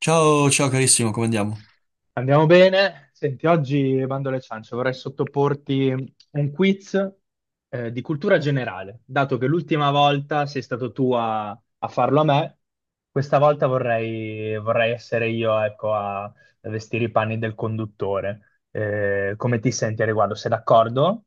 Ciao, ciao carissimo, come andiamo? Andiamo bene. Senti, oggi bando alle ciance, vorrei sottoporti un quiz di cultura generale. Dato che l'ultima volta sei stato tu a farlo a me, questa volta vorrei essere io, ecco, a vestire i panni del conduttore. Come ti senti a riguardo? Sei d'accordo?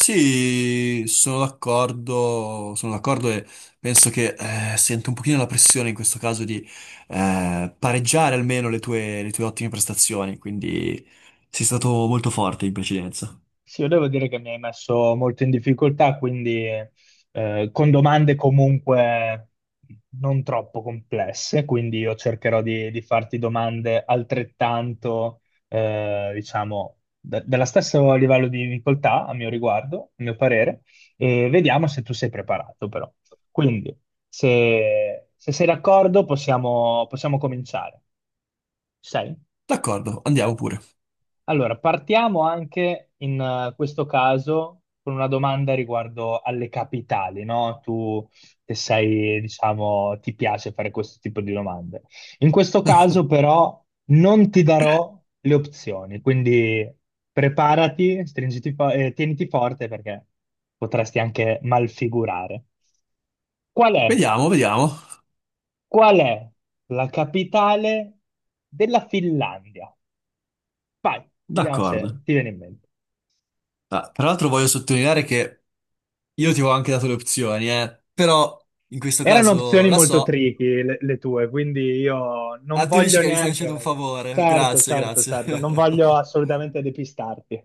Sì, sono d'accordo e penso che sento un pochino la pressione in questo caso di pareggiare almeno le tue ottime prestazioni, quindi sei stato molto forte in precedenza. Sì, io devo dire che mi hai messo molto in difficoltà, quindi con domande comunque non troppo complesse, quindi io cercherò di farti domande altrettanto, diciamo, dello stesso livello di difficoltà a mio riguardo, a mio parere, e vediamo se tu sei preparato però. Quindi, se sei d'accordo, possiamo cominciare. Ci sei? D'accordo, andiamo pure. Allora, partiamo anche in questo caso con una domanda riguardo alle capitali, no? Tu che sei, diciamo, ti piace fare questo tipo di domande. In questo caso però non ti darò le opzioni, quindi preparati, stringiti tieniti forte perché potresti anche malfigurare. Qual è, Vediamo, vediamo. qual è la capitale della Finlandia? Vai, vediamo se D'accordo. ti viene in mente. Ah, tra l'altro voglio sottolineare che io ti avevo anche dato le opzioni, però in questo Erano caso opzioni la molto so. tricky le tue, quindi io non Ah, tu dici voglio che mi stai facendo un neanche... favore, Certo, grazie, certo, grazie. certo, non voglio assolutamente depistarti.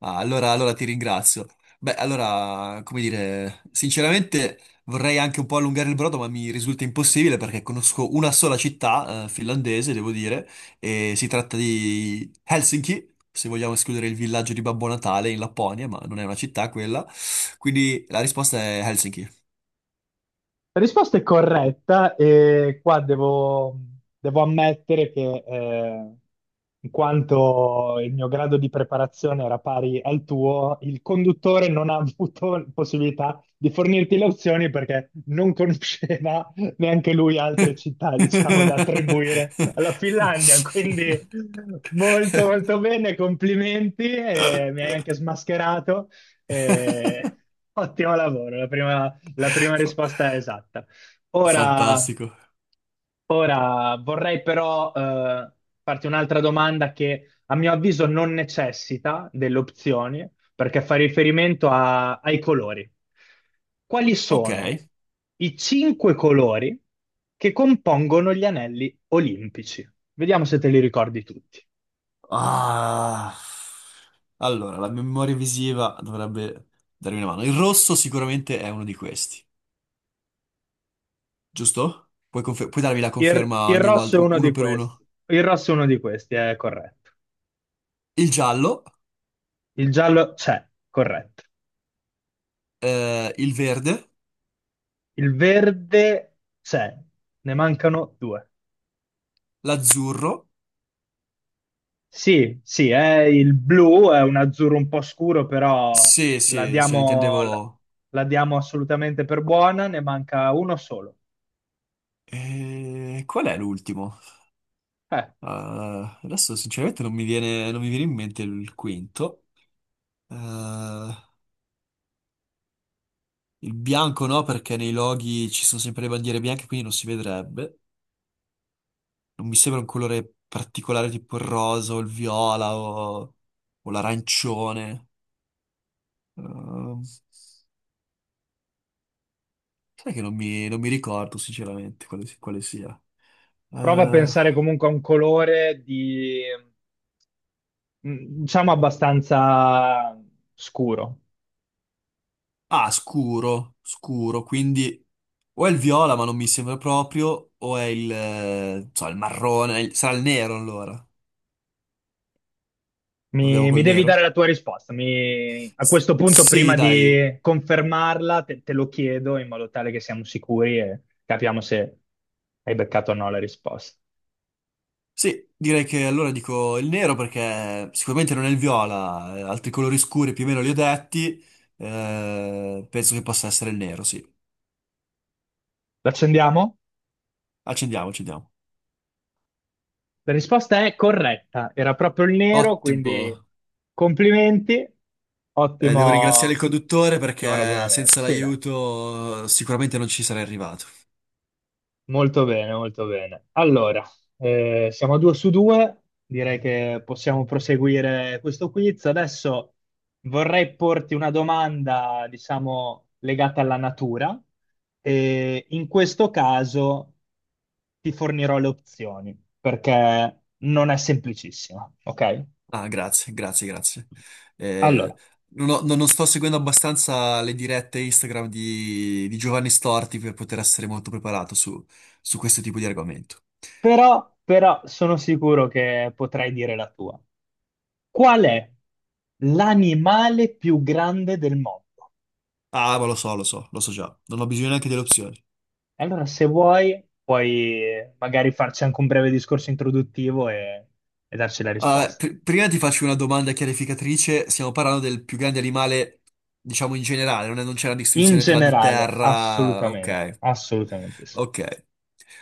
Ah, allora, allora ti ringrazio. Beh, allora, come dire, sinceramente vorrei anche un po' allungare il brodo, ma mi risulta impossibile perché conosco una sola città, finlandese, devo dire, e si tratta di Helsinki, se vogliamo escludere il villaggio di Babbo Natale in Lapponia, ma non è una città quella. Quindi la risposta è Helsinki. La risposta è corretta e qua devo ammettere che in quanto il mio grado di preparazione era pari al tuo, il conduttore non ha avuto possibilità di fornirti le opzioni perché non conosceva neanche lui altre città, diciamo, da attribuire alla Finlandia. Quindi molto molto bene, complimenti, e mi hai anche smascherato. e Ottimo lavoro, la prima Fa- risposta è esatta. Ora, Fantastico. Vorrei però farti un'altra domanda che a mio avviso non necessita delle opzioni, perché fa riferimento ai colori. Quali Ok. sono i cinque colori che compongono gli anelli olimpici? Vediamo se te li ricordi tutti. Ah. Allora, la memoria visiva dovrebbe darmi una mano. Il rosso sicuramente è uno di questi, giusto? Puoi, puoi darmi la Il, conferma il ogni rosso volta, è uno uno di per uno. questi. Il rosso è uno di questi, è corretto. Il giallo, Il giallo c'è, corretto. Il verde, Il verde c'è, ne mancano due. l'azzurro. Sì, sì, è il blu, è un azzurro un po' scuro, però Sì, la sì, cioè diamo, la intendevo... la diamo assolutamente per buona, ne manca uno solo. Qual è l'ultimo? Eh, Ah, adesso sinceramente non mi viene in mente il quinto. Eh, il bianco no, perché nei loghi ci sono sempre le bandiere bianche, quindi non si vedrebbe. Non mi sembra un colore particolare tipo il rosa o il viola o l'arancione. Ehm, sai che non mi ricordo sinceramente quale, quale sia. Prova a Eh, pensare comunque a un colore di, diciamo, abbastanza scuro. ah, scuro, scuro, quindi o è il viola ma non mi sembra proprio, o è il, non so, il marrone, sarà il nero allora. Proviamo Mi col devi nero? dare la tua risposta. A questo punto, Sì, prima dai, di confermarla, te lo chiedo in modo tale che siamo sicuri e capiamo se hai beccato o no la risposta. sì, direi che allora dico il nero perché sicuramente non è il viola, altri colori scuri più o meno li ho detti, penso che possa essere il nero, sì. L'accendiamo? Accendiamo, accendiamo. La risposta è corretta. Era proprio il nero, Ottimo. quindi complimenti. Devo ringraziare il Ottimo, conduttore ottimo perché ragionamento. senza Sì, dai. l'aiuto sicuramente non ci sarei arrivato. Molto bene, molto bene. Allora, siamo a due su due, direi che possiamo proseguire questo quiz. Adesso vorrei porti una domanda, diciamo, legata alla natura e in questo caso ti fornirò le opzioni perché non è semplicissima, ok? Ah, grazie, grazie, grazie. Eh, Allora, non ho- non- non sto seguendo abbastanza le dirette Instagram di Giovanni Storti per poter essere molto preparato su, su questo tipo di argomento. però sono sicuro che potrai dire la tua. Qual è l'animale più grande del mondo? Ah, ma lo so, lo so, lo so già. Non ho bisogno neanche delle opzioni. E allora, se vuoi, puoi magari farci anche un breve discorso introduttivo e darci la Ah, risposta. Prima ti faccio una domanda chiarificatrice. Stiamo parlando del più grande animale, diciamo in generale, non c'è una In distinzione tra di generale, terra. assolutamente, Ok, assolutamente sì. ok.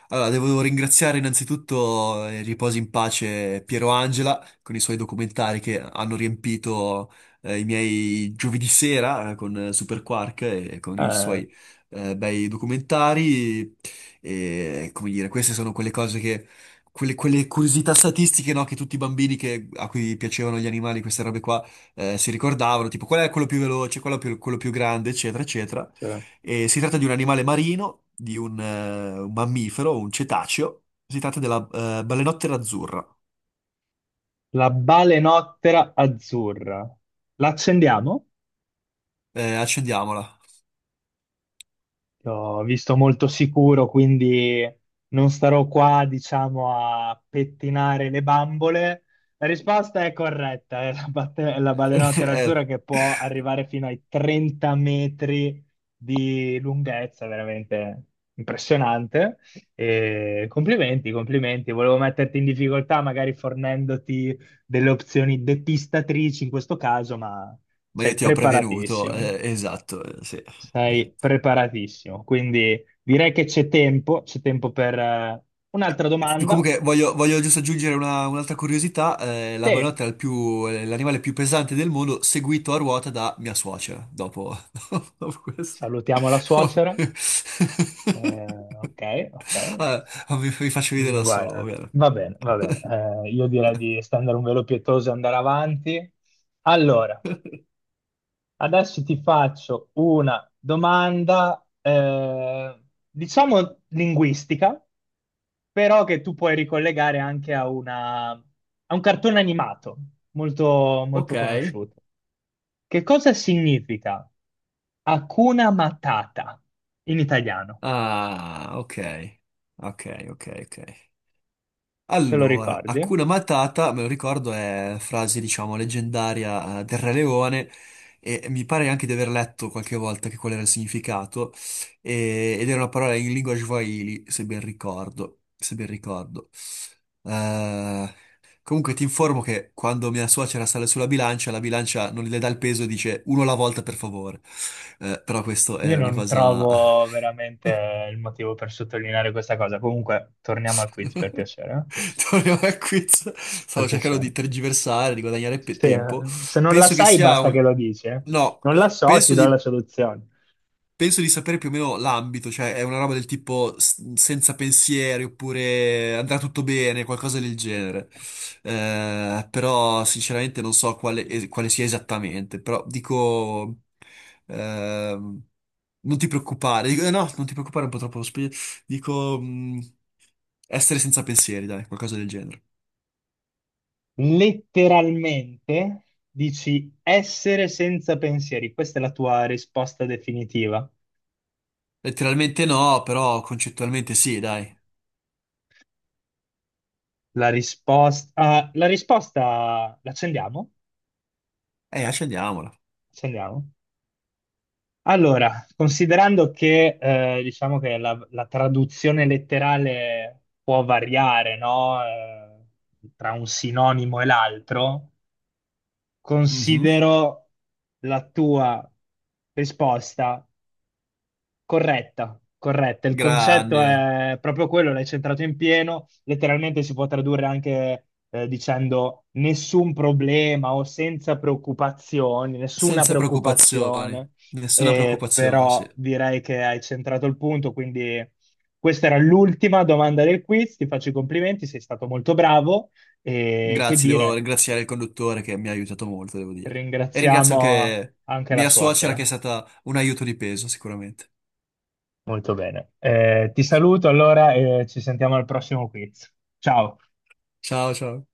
Allora, devo ringraziare innanzitutto, riposi in pace, Piero Angela con i suoi documentari che hanno riempito i miei giovedì sera con Super Quark e con i Eh, suoi bei documentari. E, come dire, queste sono quelle cose che, quelle, quelle curiosità statistiche, no, che tutti i bambini a cui piacevano gli animali, queste robe qua, si ricordavano, tipo qual è quello più veloce, quello più grande, eccetera, eccetera. Cioè, E si tratta di un animale marino, di un mammifero, un cetaceo. Si tratta della balenottera azzurra. la balenottera azzurra, l'accendiamo? Accendiamola. Ti ho visto molto sicuro, quindi non starò qua, diciamo, a pettinare le bambole. La risposta è corretta, è la balenottera Eh, azzurra che può arrivare fino ai 30 metri di lunghezza, veramente impressionante. E complimenti, complimenti. Volevo metterti in difficoltà, magari fornendoti delle opzioni depistatrici in questo caso, ma ma io sei ti ho prevenuto, preparatissimo. Esatto, sì. Sei preparatissimo, quindi direi che c'è tempo per un'altra domanda. Comunque voglio, voglio giusto aggiungere un'altra curiosità, la Te, balenottera è è l'animale più pesante del mondo, seguito a ruota da mia suocera, dopo, dopo questo. salutiamo la suocera. Ok, ok. Vabbè, mi faccio vedere da solo, Guarda, va bene. va bene, va bene. Io direi di stendere un velo pietoso e andare avanti. Allora, adesso ti faccio una domanda, diciamo linguistica. Però che tu puoi ricollegare anche a un cartone animato molto, Ok. molto conosciuto. Che cosa significa Hakuna Matata in italiano? Ah, ok. Ok, ok, ok. Te lo Allora, ricordi? Hakuna Matata, me lo ricordo, è frase, diciamo, leggendaria del Re Leone e mi pare anche di aver letto qualche volta che qual era il significato ed era una parola in lingua swahili, se ben ricordo, se ben ricordo. Eh, Comunque ti informo che quando mia suocera sale sulla bilancia, la bilancia non le dà il peso e dice uno alla volta per favore. Però questo è Io una non cosa... trovo veramente il motivo per sottolineare questa cosa. Comunque, torniamo al quiz per piacere. Eh? Torniamo al quiz. Per Stavo cercando di piacere. tergiversare, di guadagnare Se, tempo. se non la Penso che sai, sia basta che un... lo dici. Eh. No, Non la so, ti penso do la di soluzione. penso di sapere più o meno l'ambito, cioè è una roba del tipo senza pensieri oppure andrà tutto bene, qualcosa del genere. Però sinceramente non so quale, quale sia esattamente, però dico... ehm, non ti preoccupare, dico, no, non ti preoccupare, è un po' troppo... dico... essere senza pensieri, dai, qualcosa del genere. Letteralmente dici essere senza pensieri. Questa è la tua risposta definitiva. Letteralmente no, però concettualmente sì, dai. La risposta l'accendiamo? Accendiamola. Accendiamo. Allora, considerando che diciamo che la traduzione letterale può variare, no? Tra un sinonimo e l'altro, Mhm. considero la tua risposta corretta, corretta. Il concetto Grande. è proprio quello, l'hai centrato in pieno. Letteralmente si può tradurre anche dicendo nessun problema o senza preoccupazioni, nessuna Senza preoccupazioni, preoccupazione. nessuna preoccupazione, sì. Però direi che hai centrato il punto, quindi questa era l'ultima domanda del quiz. Ti faccio i complimenti, sei stato molto bravo e che Grazie, devo dire, ringraziare il conduttore che mi ha aiutato molto, devo dire. E ringrazio ringraziamo anche anche la mia suocera che suocera. è stata un aiuto di peso, sicuramente. Molto bene. Ti saluto allora e ci sentiamo al prossimo quiz. Ciao. Ciao, ciao.